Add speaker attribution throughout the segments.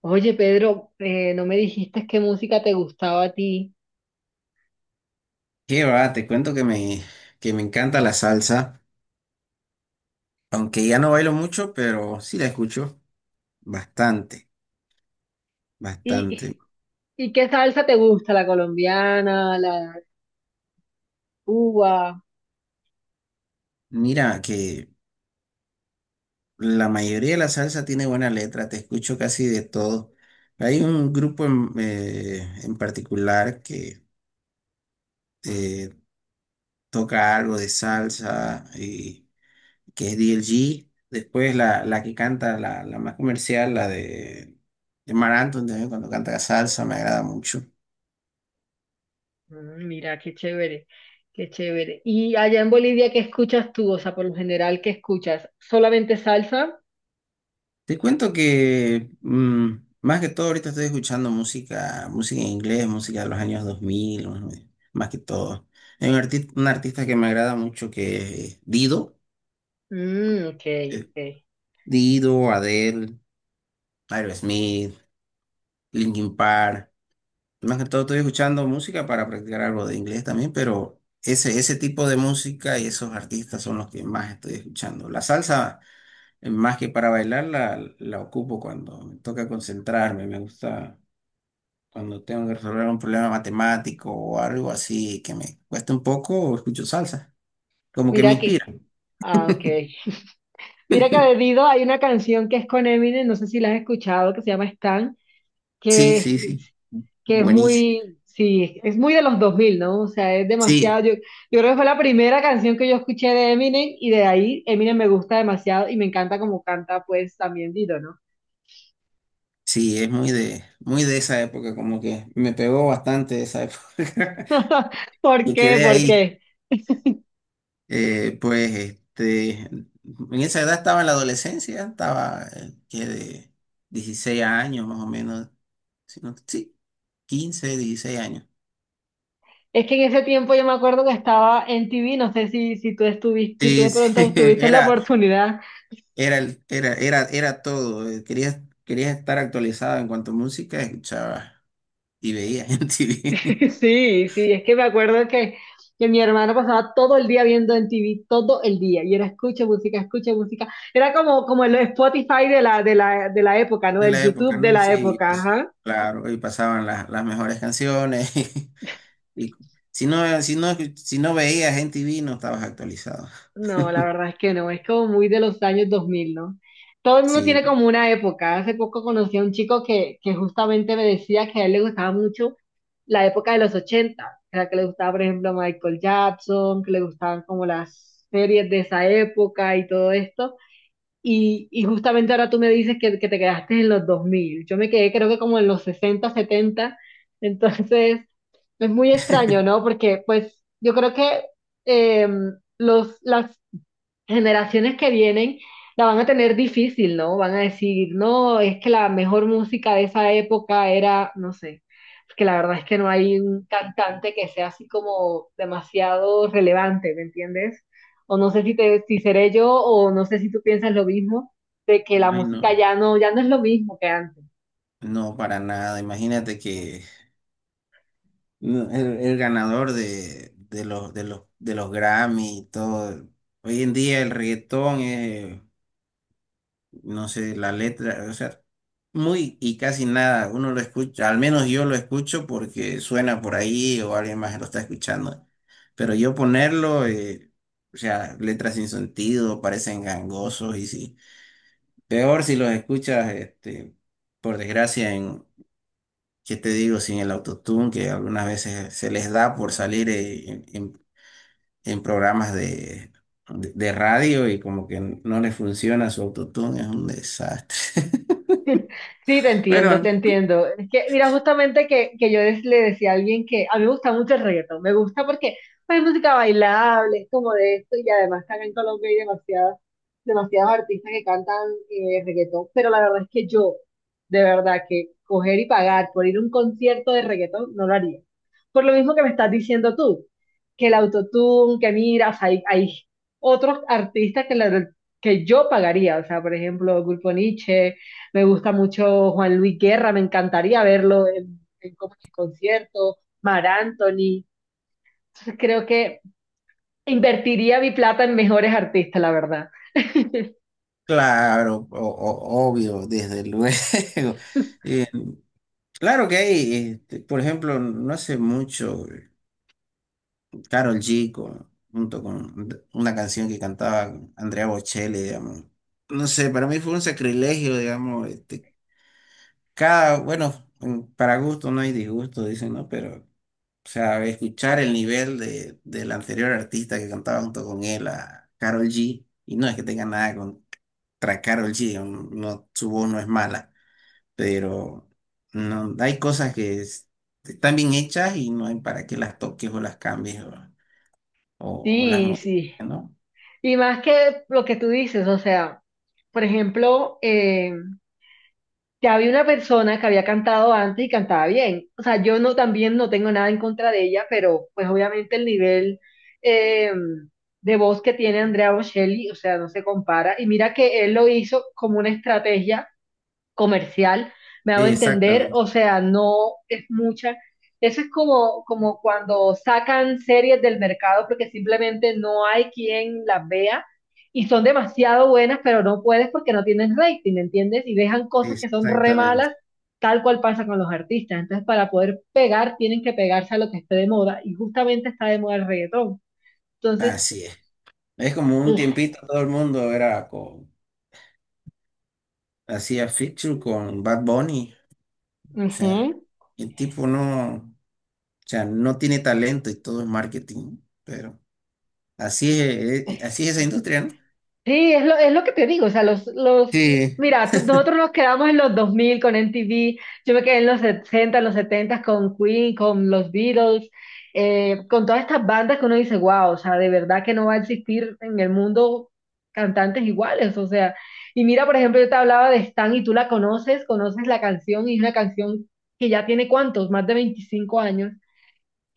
Speaker 1: Oye, Pedro, no me dijiste qué música te gustaba a ti.
Speaker 2: Qué va, te cuento que me encanta la salsa, aunque ya no bailo mucho, pero sí la escucho bastante,
Speaker 1: ¿Y,
Speaker 2: bastante.
Speaker 1: y qué salsa te gusta? ¿La colombiana, la de Cuba?
Speaker 2: Mira que la mayoría de la salsa tiene buena letra, te escucho casi de todo. Hay un grupo en particular que eh, toca algo de salsa y que es D. L. G. Después la que canta, la más comercial, de Marc Anthony también cuando canta salsa, me agrada mucho.
Speaker 1: Mm, mira, qué chévere, qué chévere. ¿Y allá en Bolivia qué escuchas tú? O sea, por lo general, ¿qué escuchas? ¿Solamente salsa?
Speaker 2: Te cuento que más que todo ahorita estoy escuchando música, música en inglés, música de los años 2000, más que todo. Hay un artista que me agrada mucho que es Dido,
Speaker 1: Mm, ok,
Speaker 2: eh,
Speaker 1: ok.
Speaker 2: Dido, Adele, Aerosmith, Linkin Park. Más que todo estoy escuchando música para practicar algo de inglés también, pero ese tipo de música y esos artistas son los que más estoy escuchando. La salsa, más que para bailar, la ocupo cuando me toca concentrarme, me gusta. Cuando tengo que resolver un problema matemático o algo así que me cuesta un poco, escucho salsa. Como que me
Speaker 1: Mira que,
Speaker 2: inspira.
Speaker 1: ah, ok. Mira que de Dido hay una canción que es con Eminem, no sé si la has escuchado, que se llama Stan,
Speaker 2: Sí,
Speaker 1: que
Speaker 2: sí, sí.
Speaker 1: que es
Speaker 2: Buenísimo.
Speaker 1: muy, sí, es muy de los dos mil, ¿no? O sea, es demasiado.
Speaker 2: Sí,
Speaker 1: Yo creo que fue la primera canción que yo escuché de Eminem y de ahí Eminem me gusta demasiado y me encanta como canta, pues también Dito, ¿no?
Speaker 2: sí, es muy de esa época, como que me pegó bastante esa época.
Speaker 1: ¿Por
Speaker 2: Y
Speaker 1: qué?
Speaker 2: quedé
Speaker 1: ¿Por
Speaker 2: ahí.
Speaker 1: qué?
Speaker 2: En esa edad estaba en la adolescencia, estaba que de 16 años más o menos. Si Sí, 15 16 años.
Speaker 1: Es que en ese tiempo yo me acuerdo que estaba en TV, no sé si, si tú estuviste, si tú de
Speaker 2: Sí, sí,
Speaker 1: pronto tuviste la oportunidad.
Speaker 2: era el, era todo. Querías, querías estar actualizado en cuanto a música, escuchabas y veías en TV.
Speaker 1: Sí, sí, es que me acuerdo que mi hermano pasaba todo el día viendo en TV, todo el día, y era escucha música, escucha música. Era como, como el Spotify de la época, ¿no?
Speaker 2: De
Speaker 1: El
Speaker 2: la época,
Speaker 1: YouTube de
Speaker 2: ¿no?
Speaker 1: la
Speaker 2: Sí,
Speaker 1: época,
Speaker 2: pues,
Speaker 1: ajá.
Speaker 2: claro, y pasaban las mejores canciones. Y si no, si no, si no veías en TV, no estabas actualizado.
Speaker 1: No, la verdad es que no, es como muy de los años 2000, ¿no? Todo el mundo tiene
Speaker 2: Sí.
Speaker 1: como una época. Hace poco conocí a un chico que justamente me decía que a él le gustaba mucho la época de los 80, o sea, que le gustaba, por ejemplo, Michael Jackson, que le gustaban como las series de esa época y todo esto. Y justamente ahora tú me dices que te quedaste en los dos mil. Yo me quedé creo que como en los sesenta, setenta. Entonces, es muy extraño, ¿no? Porque pues yo creo que eh, las generaciones que vienen la van a tener difícil, ¿no? Van a decir, no, es que la mejor música de esa época era, no sé, porque la verdad es que no hay un cantante que sea así como demasiado relevante, ¿me entiendes? O no sé si te, si seré yo, o no sé si tú piensas lo mismo, de que la
Speaker 2: Ay, no,
Speaker 1: música ya no es lo mismo que antes.
Speaker 2: no para nada. Imagínate que no, el ganador de los Grammy y todo. Hoy en día el reggaetón es no sé, la letra, o sea, muy y casi nada, uno lo escucha, al menos yo lo escucho porque suena por ahí o alguien más lo está escuchando, pero yo ponerlo, o sea, letras sin sentido, parecen gangosos y sí, peor si los escuchas, este, por desgracia, ¿qué te digo? Sin el autotune, que algunas veces se les da por salir en programas de radio y como que no les funciona su autotune, es un desastre.
Speaker 1: Sí, te entiendo,
Speaker 2: Bueno,
Speaker 1: te entiendo. Es que, mira, justamente que yo des- le decía a alguien que a mí me gusta mucho el reggaetón, me gusta porque pues, es música bailable, es como de esto, y además acá en Colombia hay demasiadas, demasiados artistas que cantan reggaetón, pero la verdad es que yo, de verdad, que coger y pagar por ir a un concierto de reggaetón no lo haría. Por lo mismo que me estás diciendo tú, que el autotune, que miras, hay otros artistas que, que yo pagaría, o sea, por ejemplo, Grupo Niche. Me gusta mucho Juan Luis Guerra, me encantaría verlo en como en concierto, Mar Anthony. Creo que invertiría mi plata en mejores artistas, la verdad.
Speaker 2: claro, obvio, desde luego. Eh, claro que hay, este, por ejemplo, no hace mucho, Carol G junto con una canción que cantaba Andrea Bocelli, digamos. No sé, para mí fue un sacrilegio, digamos. Este, cada, bueno, para gusto no hay disgusto, dicen, ¿no? Pero, o sea, escuchar el nivel del anterior artista que cantaba junto con él, a Carol G, y no es que tenga nada con, tras Karol G, digamos, no, su voz no es mala, pero no, hay cosas están bien hechas y no hay para qué las toques o las cambies o las
Speaker 1: Sí,
Speaker 2: modifiques,
Speaker 1: sí.
Speaker 2: ¿no?
Speaker 1: Y más que lo que tú dices, o sea, por ejemplo, ya había una persona que había cantado antes y cantaba bien. O sea, yo no también no tengo nada en contra de ella, pero pues obviamente el nivel eh, de voz que tiene Andrea Bocelli, o sea, no se compara. Y mira que él lo hizo como una estrategia comercial, me hago entender, o
Speaker 2: Exactamente,
Speaker 1: sea, no es mucha. Eso es como, como cuando sacan series del mercado porque simplemente no hay quien las vea y son demasiado buenas, pero no puedes porque no tienen rating, ¿entiendes? Y dejan cosas que son re
Speaker 2: exactamente.
Speaker 1: malas, tal cual pasa con los artistas. Entonces, para poder pegar, tienen que pegarse a lo que esté de moda y justamente está de moda el reggaetón. Entonces,
Speaker 2: Así es. Es como un tiempito todo el mundo era con, hacía feature con Bad Bunny. O sea,
Speaker 1: ujú.
Speaker 2: el tipo no, o sea, no tiene talento y todo es marketing, pero así es esa industria, ¿no?
Speaker 1: Sí, es lo que te digo, o sea, los,
Speaker 2: Sí,
Speaker 1: mira, tú- nosotros nos quedamos en los 2000 con MTV, yo me quedé en los 60, en los 70 con Queen, con los Beatles, con todas estas bandas que uno dice, wow, o sea, de verdad que no va a existir en el mundo cantantes iguales, o sea, y mira, por ejemplo, yo te hablaba de Stan y tú la conoces, conoces la canción y es una canción que ya tiene cuántos, más de 25 años.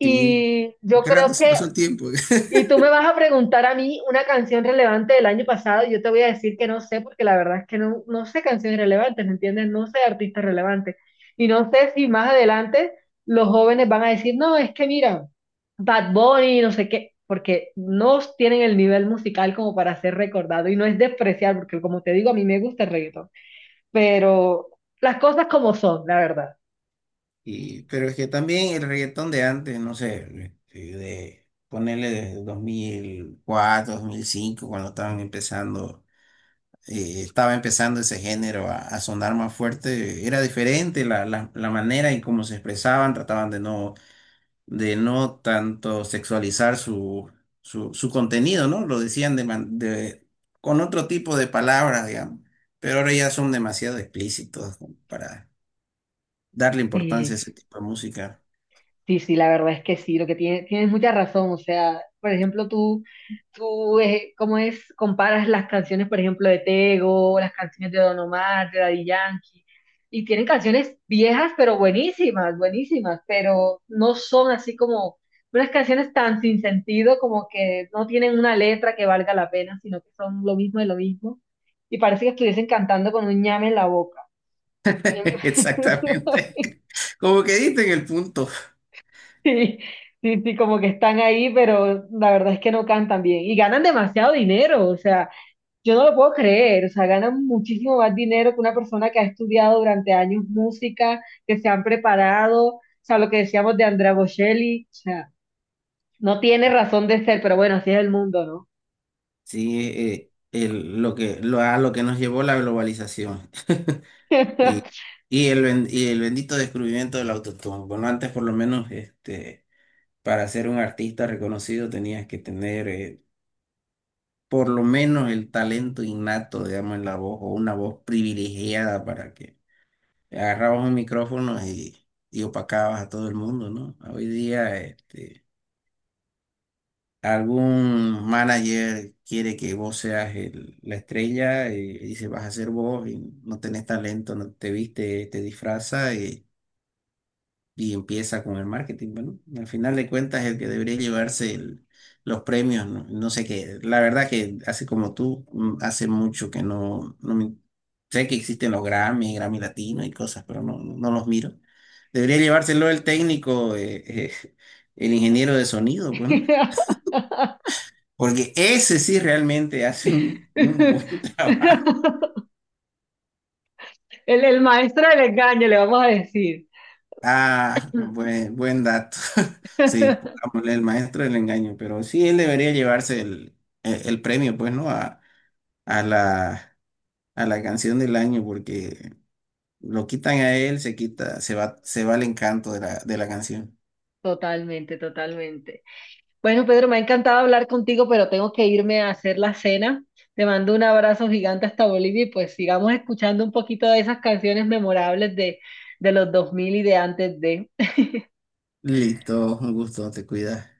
Speaker 2: sí.
Speaker 1: yo
Speaker 2: Qué
Speaker 1: creo
Speaker 2: rato se
Speaker 1: que
Speaker 2: pasó el tiempo.
Speaker 1: y tú me vas a preguntar a mí una canción relevante del año pasado, y yo te voy a decir que no sé, porque la verdad es que no, no sé canciones relevantes, ¿me entiendes? No sé artistas relevantes. Y no sé si más adelante los jóvenes van a decir, no, es que mira, Bad Bunny, no sé qué, porque no tienen el nivel musical como para ser recordado. Y no es despreciar, porque como te digo, a mí me gusta el reggaetón, pero las cosas como son, la verdad.
Speaker 2: Y, pero es que también el reggaetón de antes, no sé, de ponerle de 2004, 2005 cuando estaban empezando, estaba empezando ese género a sonar más fuerte, era diferente la manera en cómo se expresaban, trataban de no tanto sexualizar su contenido, ¿no? Lo decían con otro tipo de palabras, digamos, pero ahora ya son demasiado explícitos para darle importancia a
Speaker 1: Sí,
Speaker 2: ese tipo de música.
Speaker 1: sí, sí, la verdad es que sí, lo que tiene, tienes mucha razón, o sea, por ejemplo, tú, ¿cómo es? Comparas las canciones, por ejemplo, de Tego, las canciones de Don Omar, de Daddy Yankee, y tienen canciones viejas, pero buenísimas, buenísimas, pero no son así como unas canciones tan sin sentido, como que no tienen una letra que valga la pena, sino que son lo mismo de lo mismo, y parece que estuviesen cantando con un ñame en la boca.
Speaker 2: Exactamente. Como que diste en el punto.
Speaker 1: Sí, sí, sí, como que están ahí, pero la verdad es que no cantan bien. Y ganan demasiado dinero, o sea, yo no lo puedo creer, o sea, ganan muchísimo más dinero que una persona que ha estudiado durante años música, que se han preparado, o sea, lo que decíamos de Andrea Bocelli, o sea, no tiene razón de ser, pero bueno, así es el mundo, ¿no?
Speaker 2: Sí, lo que, lo, a lo que nos llevó la globalización y, y el bendito descubrimiento del autotune. Bueno, antes por lo menos este, para ser un artista reconocido tenías que tener por lo menos el talento innato, digamos, en la voz o una voz privilegiada para que agarrabas un micrófono y opacabas a todo el mundo, ¿no? Hoy día. Este, algún manager quiere que vos seas la estrella y dice vas a ser vos y no tenés talento, no te viste, te disfraza y empieza con el marketing. Bueno, al final de cuentas el que debería llevarse los premios, no, no sé qué. La verdad que así como tú, hace mucho que no, no me- sé que existen los Grammy, Grammy Latino y cosas, pero no, no los miro. Debería llevárselo el técnico, eh, el ingeniero de sonido, pues, ¿no? Porque ese sí realmente hace un buen trabajo.
Speaker 1: El maestro del engaño, le vamos a decir.
Speaker 2: Ah, buen, buen dato. Sí, pongámosle el maestro del engaño, pero sí, él debería llevarse el premio, pues, ¿no? A, a la, a la canción del año, porque lo quitan a él, se quita, se va el encanto de de la canción.
Speaker 1: Totalmente, totalmente. Bueno, Pedro, me ha encantado hablar contigo, pero tengo que irme a hacer la cena. Te mando un abrazo gigante hasta Bolivia y pues sigamos escuchando un poquito de esas canciones memorables de los 2000 y de antes de...
Speaker 2: Listo, un gusto, te cuidas.